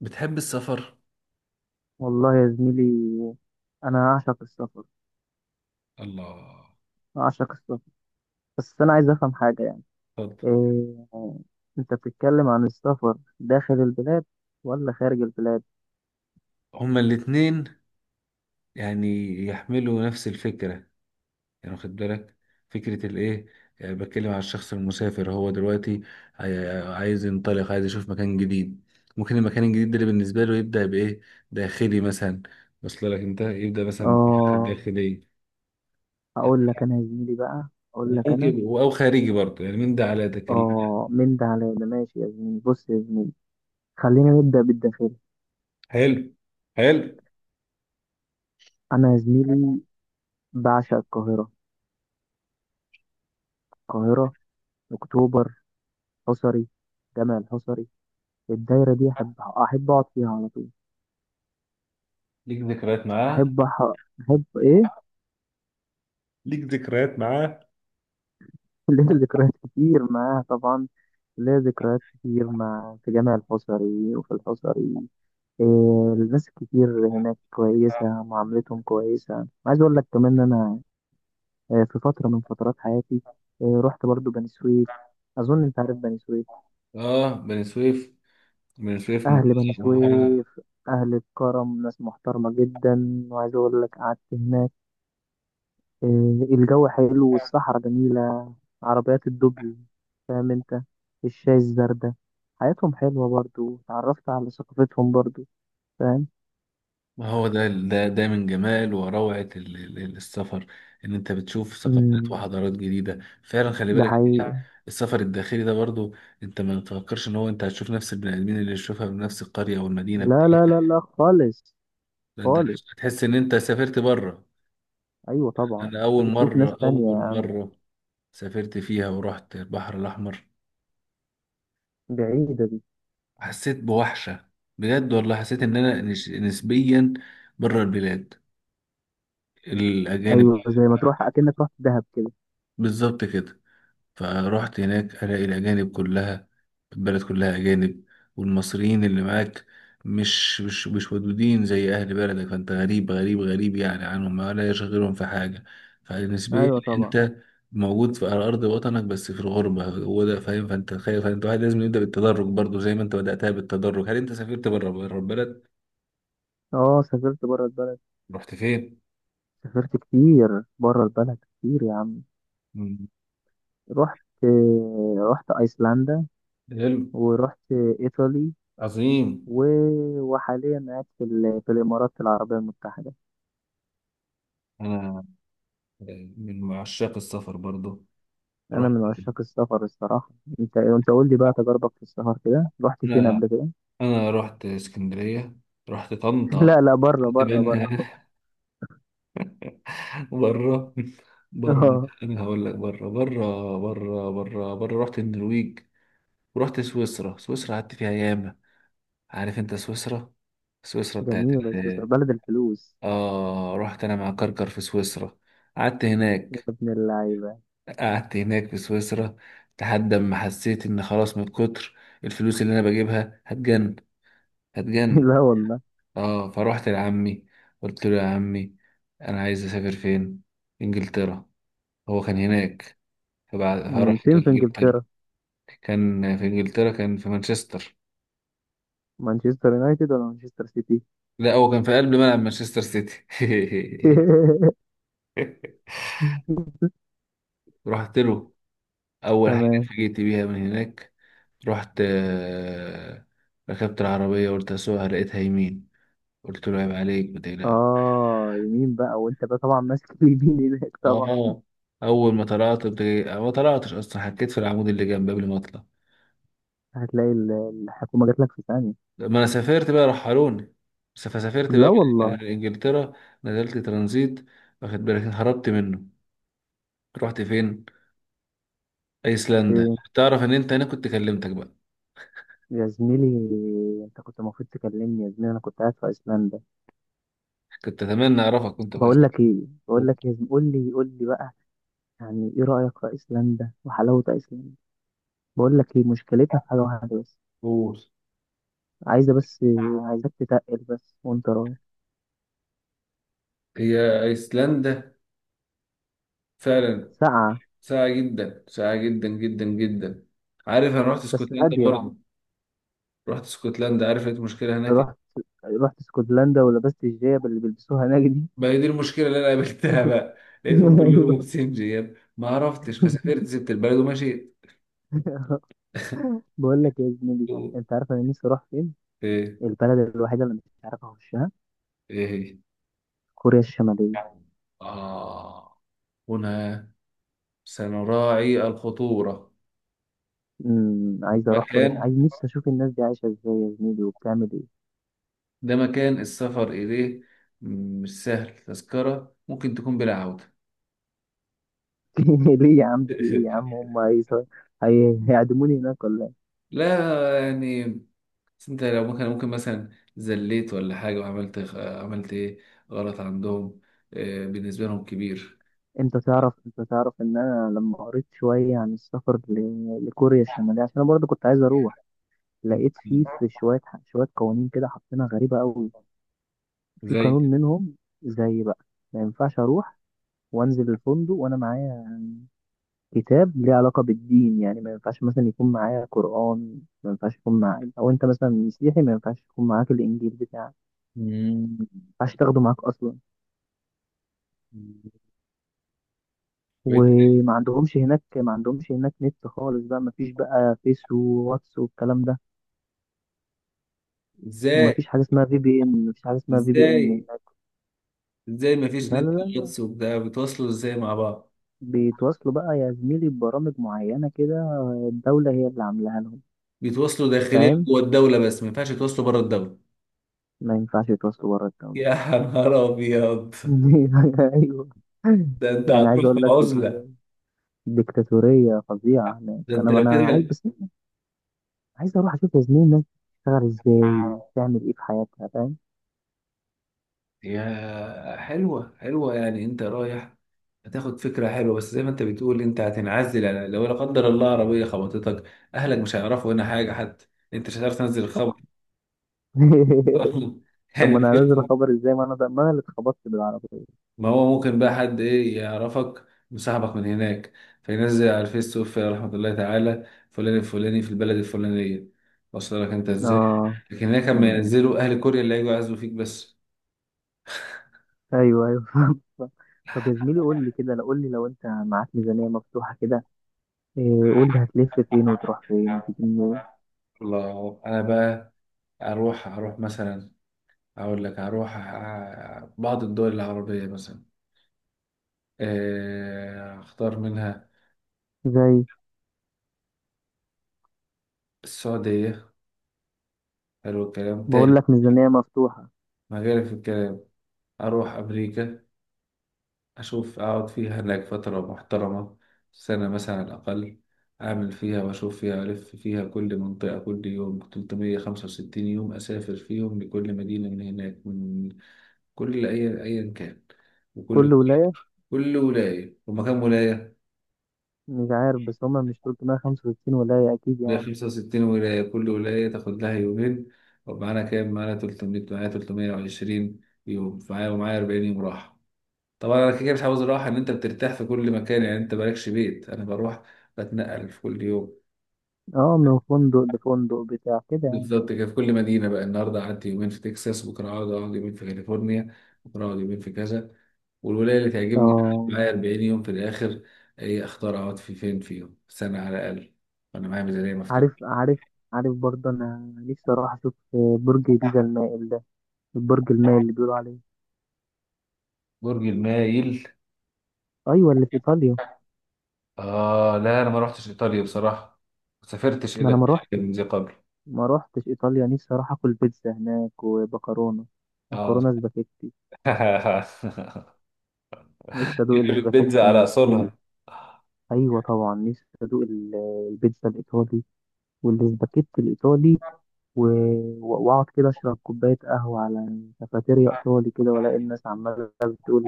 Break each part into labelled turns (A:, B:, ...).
A: بتحب السفر؟
B: والله يا زميلي، انا اعشق السفر.
A: الله.
B: اعشق السفر. بس انا عايز افهم حاجه، يعني
A: اتفضل.
B: إيه؟ انت بتتكلم عن السفر داخل البلاد ولا خارج البلاد؟
A: هما الاتنين، يعني يحملوا نفس الفكرة، يعني واخد بالك فكرة الايه. بتكلم على الشخص المسافر، هو دلوقتي عايز ينطلق، عايز يشوف مكان جديد. ممكن المكان الجديد ده اللي بالنسبة له يبدأ بإيه؟ داخلي مثلا، وصل لك انت؟ يبدأ مثلا بالحاجات
B: اه،
A: الداخلية، يعني.
B: هقول لك انا يا زميلي بقى. اقول لك انا.
A: وممكن أو خارجي برضه، يعني من ده على ده كلام.
B: اه، من ده على ده ماشي يا زميلي. بص يا زميلي، خلينا نبدا بالداخلي.
A: حلو، حلو.
B: انا يا زميلي بعشق القاهره. القاهره، اكتوبر، حصري، جامع الحصري. الدايره دي احب اقعد فيها على طول.
A: ليك ذكريات معاه؟
B: احب أح- احب ايه؟
A: ليك ذكريات معاه؟
B: ليا ذكريات كتير معاها طبعا. ليا ذكريات كتير في جامع الحصري وفي الحصري. إيه، الناس الكتير هناك كويسة، معاملتهم كويسة. عايز أقول لك كمان إن أنا في فترة من فترات حياتي، إيه، رحت برضو بني سويف. أظن أنت عارف بني سويف.
A: اه، بني سويف. بن سويف
B: أهل بني
A: مميزة. ما هو،
B: سويف أهل الكرم، ناس محترمة جدا. وعايز أقول لك، قعدت هناك، الجو حلو والصحراء جميلة. عربيات الدبل، فاهم انت؟ الشاي الزردة، حياتهم حلوة برضو. اتعرفت على ثقافتهم برضو، فاهم؟
A: ما هو ده من جمال وروعة السفر، ان انت بتشوف ثقافات
B: مم،
A: وحضارات جديدة فعلا، خلي
B: ده
A: بالك إنت.
B: حقيقي.
A: السفر الداخلي ده برضو، انت ما تفكرش ان هو انت هتشوف نفس البني ادمين اللي تشوفها في نفس القرية او المدينة
B: لا
A: بتاعتك.
B: لا لا لا خالص.
A: ده انت
B: خالص.
A: هتحس ان انت سافرت بره.
B: ايوه طبعا،
A: انا اول
B: انت بتشوف ناس
A: مرة، اول
B: تانية.
A: مرة سافرت فيها ورحت البحر الاحمر،
B: بعيدة دي.
A: حسيت بوحشة. بجد والله حسيت ان انا نسبيا بره البلاد، الاجانب.
B: ايوه، زي ما تروح اكنك رحت دهب كده.
A: بالظبط كده. فروحت هناك، الاقي الاجانب كلها، البلد كلها اجانب، والمصريين اللي معاك مش ودودين زي اهل بلدك، فانت غريب، غريب، غريب يعني عنهم، ما لا يشغلهم في حاجه. فبالنسبه لي
B: ايوه طبعا.
A: انت موجود في على ارض وطنك، بس في الغربه هو ده، فاهم. فانت خايف، فانت واحد لازم يبدا بالتدرج برضو، زي ما انت بداتها بالتدرج. هل انت سافرت بره، بره البلد؟
B: اه، سافرت بره البلد.
A: رحت فين؟
B: سافرت كتير بره البلد، كتير يا عم.
A: مم.
B: رحت رحت ايسلندا،
A: حلو.
B: ورحت ايطالي.
A: عظيم.
B: وحاليا قاعد في الإمارات العربية المتحدة.
A: أنا من عشاق السفر برضه.
B: أنا
A: رحت،
B: من عشاق السفر الصراحة. أنت قول لي بقى، تجربك في السفر كده، رحت فين قبل كده؟
A: انا رحت اسكندريه، رحت طنطا.
B: لا لا، بره
A: كنت
B: بره بره.
A: بره، بره.
B: آه،
A: انا هقول لك، بره بره بره بره بره. رحت النرويج ورحت سويسرا. سويسرا قعدت فيها ياما. عارف انت سويسرا؟ سويسرا بتاعت
B: جميلة سويسرا،
A: ال-
B: بلد الفلوس.
A: اه، رحت انا مع كركر في سويسرا. قعدت
B: يا
A: هناك،
B: ابن اللعيبة.
A: قعدت هناك في سويسرا لحد ما حسيت ان خلاص، من كتر الفلوس اللي انا بجيبها هتجن، هتجن.
B: لا والله.
A: اه، فروحت لعمي، قلت له يا عمي، انا عايز اسافر فين. انجلترا، هو كان هناك. فبعد فرحت
B: فين في
A: انجلترا.
B: إنجلترا؟
A: كان في انجلترا، كان في مانشستر.
B: مانشستر يونايتد ولا مانشستر سيتي؟
A: لا، هو كان في قلب ملعب مانشستر سيتي. رحت له، اول حاجه
B: تمام.
A: فجيت بيها من هناك. رحت، ركبت العربيه، قلت اسوقها، لقيتها يمين. قلت له عيب عليك، ما تقلقش.
B: آه، يمين بقى، وأنت بقى طبعا ماسك اليمين هناك طبعا.
A: اه، اول ما طلعت ما طلعتش اصلا، حكيت في العمود اللي جنب قبل ما اطلع.
B: هتلاقي الحكومة جات لك في ثانية.
A: ما انا سافرت بقى، رحلوني، بس فسافرت بقى
B: لا
A: آه.
B: والله.
A: من انجلترا نزلت ترانزيت، واخد بالك؟ هربت منه. رحت فين؟ ايسلندا.
B: إيه،
A: تعرف ان انت، انا كنت كلمتك بقى،
B: يا زميلي، انت كنت المفروض تكلمني يا زميلي. انا كنت قاعد في ايسلندا.
A: كنت اتمنى اعرفك كنت في
B: بقول لك
A: ايسلندا.
B: ايه، بقول لك يا زميلي، قول لي قول لي بقى، يعني ايه رايك في ايسلندا وحلاوه ايسلندا؟ بقول لك ايه، مشكلتها في حاجه واحده بس.
A: أوه.
B: عايزه بس، عايزك تتقل بس وانت رايح.
A: هي ايسلندا فعلا
B: ساقعه.
A: ساعة جدا، ساعة جدا جدا جدا. عارف، انا رحت
B: بس
A: اسكتلندا
B: هاديه.
A: برضه، رحت اسكتلندا، عارف لقيت مشكلة هناك
B: لو
A: إيه؟
B: رحت، رحت اسكتلندا ولبست الجياب اللي بيلبسوها هناك دي.
A: ما هي دي المشكلة اللي انا قابلتها بقى، لقيتهم
B: ايوه.
A: كلهم سنجياب، ما عرفتش، فسافرت، سبت البلد ومشيت.
B: بقول لك يا زميلي، انت عارف انا نفسي اروح فين؟
A: ايه؟
B: البلد الوحيده اللي مش عارف اخشها،
A: ايه هي؟
B: كوريا الشماليه.
A: آه، هنا سنراعي الخطورة.
B: امم، عايز اروح قريش.
A: مكان،
B: عايز، نفسي اشوف الناس دي عايشه ازاي يا زميلي، وبتعمل ايه؟
A: ده مكان السفر إليه مش سهل، تذكرة ممكن تكون بلا عودة.
B: ليه يا عم؟ في ايه يا عم؟ هيعدموني هناك ولا ايه؟
A: لا يعني، بس انت لو ممكن، مثلا زليت ولا حاجة، وعملت، عملت ايه غلط عندهم، آه بالنسبة لهم كبير.
B: انت تعرف، انت تعرف ان انا لما قريت شويه عن السفر لكوريا الشماليه، عشان انا برضه كنت عايز اروح، لقيت
A: مم.
B: فيه في شويه قوانين كده حاطينها غريبه قوي. في
A: زي.
B: قانون منهم زي بقى، ما ينفعش اروح وانزل الفندق وانا معايا كتاب ليه علاقة بالدين، يعني ما ينفعش مثلا يكون معايا قرآن، ما ينفعش يكون معايا، أو أنت مثلا مسيحي ما ينفعش يكون معاك الإنجيل بتاعك،
A: مم.
B: ما ينفعش تاخده معاك أصلا.
A: طب إيه؟
B: وما عندهمش هناك، ما عندهمش هناك نت خالص بقى، ما فيش بقى فيس وواتس والكلام ده. وما
A: ازاي؟
B: فيش حاجة اسمها في بي إن، ما فيش حاجة اسمها في بي إن
A: ازاي
B: هناك.
A: ازاي مفيش
B: لا لا
A: نت
B: لا لا.
A: واتس وبتاع؟ بيتواصلوا ازاي مع بعض؟
B: بيتواصلوا بقى يا زميلي ببرامج معينة كده، الدولة هي اللي عاملاها لهم.
A: بيتواصلوا داخليا
B: فاهم،
A: جوه الدولة، بس ما ينفعش يتواصلوا بره الدولة.
B: ما ينفعش يتواصلوا بره الدولة.
A: يا نهار ابيض،
B: أيوه.
A: ده انت
B: يعني عايز
A: هتروح في
B: أقول لك،
A: عزلة.
B: ديكتاتورية فظيعة هناك.
A: ده انت
B: أنا
A: لو كده،
B: أنا عايز بس، عايز أروح أشوف يا زميلي الناس بتشتغل إزاي، بتعمل إيه في حياتها، فاهم؟
A: يا حلوة حلوة، يعني انت رايح هتاخد فكرة حلوة، بس زي ما انت بتقول انت هتنعزل، يعني لو لا قدر الله عربية خبطتك، اهلك مش هيعرفوا هنا حاجة حتى، انت مش هتعرف تنزل الخبر.
B: طب
A: يعني،
B: ما أنا هنزل أخبر إزاي؟ ما أنا ده، ما أنا اللي اتخبطت بالعربية.
A: ما هو ممكن بقى حد ايه يعرفك وصاحبك من هناك، فينزل على الفيس، توفي رحمة الله تعالى فلان الفلاني في البلد الفلانية، وصل لك انت ازاي.
B: آه.
A: لكن هناك لما
B: أمم.
A: ينزلوا، اهل كوريا اللي هيجوا يعزوا فيك بس.
B: أيوه أيوه. فاهم. طب يا زميلي، قول لي كده، لو قول لي لو أنت معاك ميزانية مفتوحة كده، إيه، قول لي هتلف فين وتروح فين وتيجي منين؟
A: الله، انا بقى اروح، مثلا، اقول لك اروح بعض الدول العربية مثلا، اختار منها
B: زي،
A: السعودية. حلو الكلام تاني،
B: بقول لك ميزانية مفتوحة.
A: ما غير في الكلام، اروح امريكا، أشوف أقعد فيها هناك فترة محترمة، سنة مثلا على الأقل، أعمل فيها وأشوف فيها، ألف فيها كل منطقة، كل يوم 365 يوم، أسافر فيهم لكل مدينة من هناك، من كل، أي أيا كان،
B: كل
A: وكل،
B: ولاية.
A: كل ولاية ومكان ولاية،
B: مش عارف بس، هما مش 365 ولاية أكيد
A: ليا
B: يعني.
A: 65 ولاية، كل ولاية تاخد لها يومين. ومعانا كام؟ معانا 300، معايا 320 يوم معايا، ومعايا 40 يوم راحة. طبعا انا كده كده مش عاوز راحه، ان انت بترتاح في كل مكان، يعني انت مالكش بيت، انا بروح، بتنقل في كل يوم.
B: اه، من فندق لفندق بتاع كده يعني.
A: بالظبط كده، في كل مدينه بقى، النهارده قعدت يومين في تكساس، بكره اقعد، يومين في كاليفورنيا، بكره اقعد يومين في كذا، والولايه اللي تعجبني أقعد
B: اه،
A: معايا 40 يوم في الاخر، ايه اختار اقعد في فين فيهم، سنه على الاقل، وانا معايا ميزانيه مفتوحه.
B: عارف عارف. عارف برضه انا نفسي اروح اشوف برج بيزا المائل ده، البرج المائل اللي بيقولوا عليه.
A: برج المايل.
B: ايوه، اللي في ايطاليا.
A: اه، لا انا ما رحتش ايطاليا بصراحه، ما سافرتش
B: ما
A: الى
B: انا ما
A: إيطاليا
B: روحتش،
A: من ذي قبل.
B: ما روحتش ايطاليا. نفسي اروح اكل بيتزا هناك ومكرونه،
A: اه،
B: مكرونه سباكيتي. نفسي ادوق
A: البيتزا
B: السباكيتي
A: على
B: من.
A: اصولها.
B: ايوه طبعا، نفسي ادوق البيتزا الايطالي والسباكيتي الايطالي. واقعد كده اشرب كوبايه قهوه على كافيتيريا ايطالي كده، والاقي الناس عماله بتقول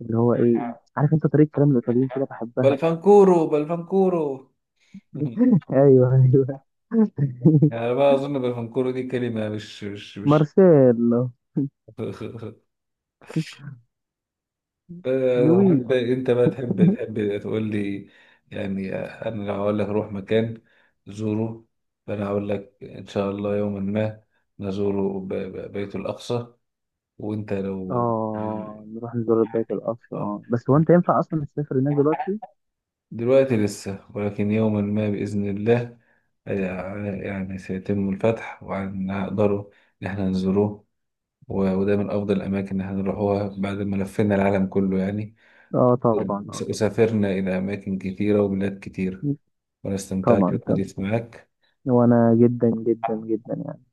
B: اللي هو ايه؟ عارف انت طريقه كلام الايطاليين كده، بحبها.
A: بلفنكورو، بلفنكورو.
B: ايوه ايوه.
A: يعني بقى اظن بلفنكورو دي كلمه، مش.
B: مارسيلو. لويج.
A: انت بقى تحب تقول لي، يعني. انا لو هقول لك روح مكان زوره، فانا هقول لك ان شاء الله يوما ما نزور بيت الاقصى. وانت لو،
B: اه، نروح نزور بيت القصر. اه بس، هو انت ينفع اصلا تسافر هناك دلوقتي؟
A: دلوقتي لسه، ولكن يوما ما بإذن الله، آه، يعني سيتم الفتح وهنقدروا إن احنا نزوروه. وده من أفضل الأماكن، إن احنا نروحوها بعد ما لفينا العالم كله، يعني
B: اه طبعا، اه طبعا.
A: وسافرنا إلى أماكن كتيرة وبلاد كتيرة، وأنا استمتعت
B: طبعا، تمام.
A: بالحديث معك.
B: وانا جدا جدا جدا يعني.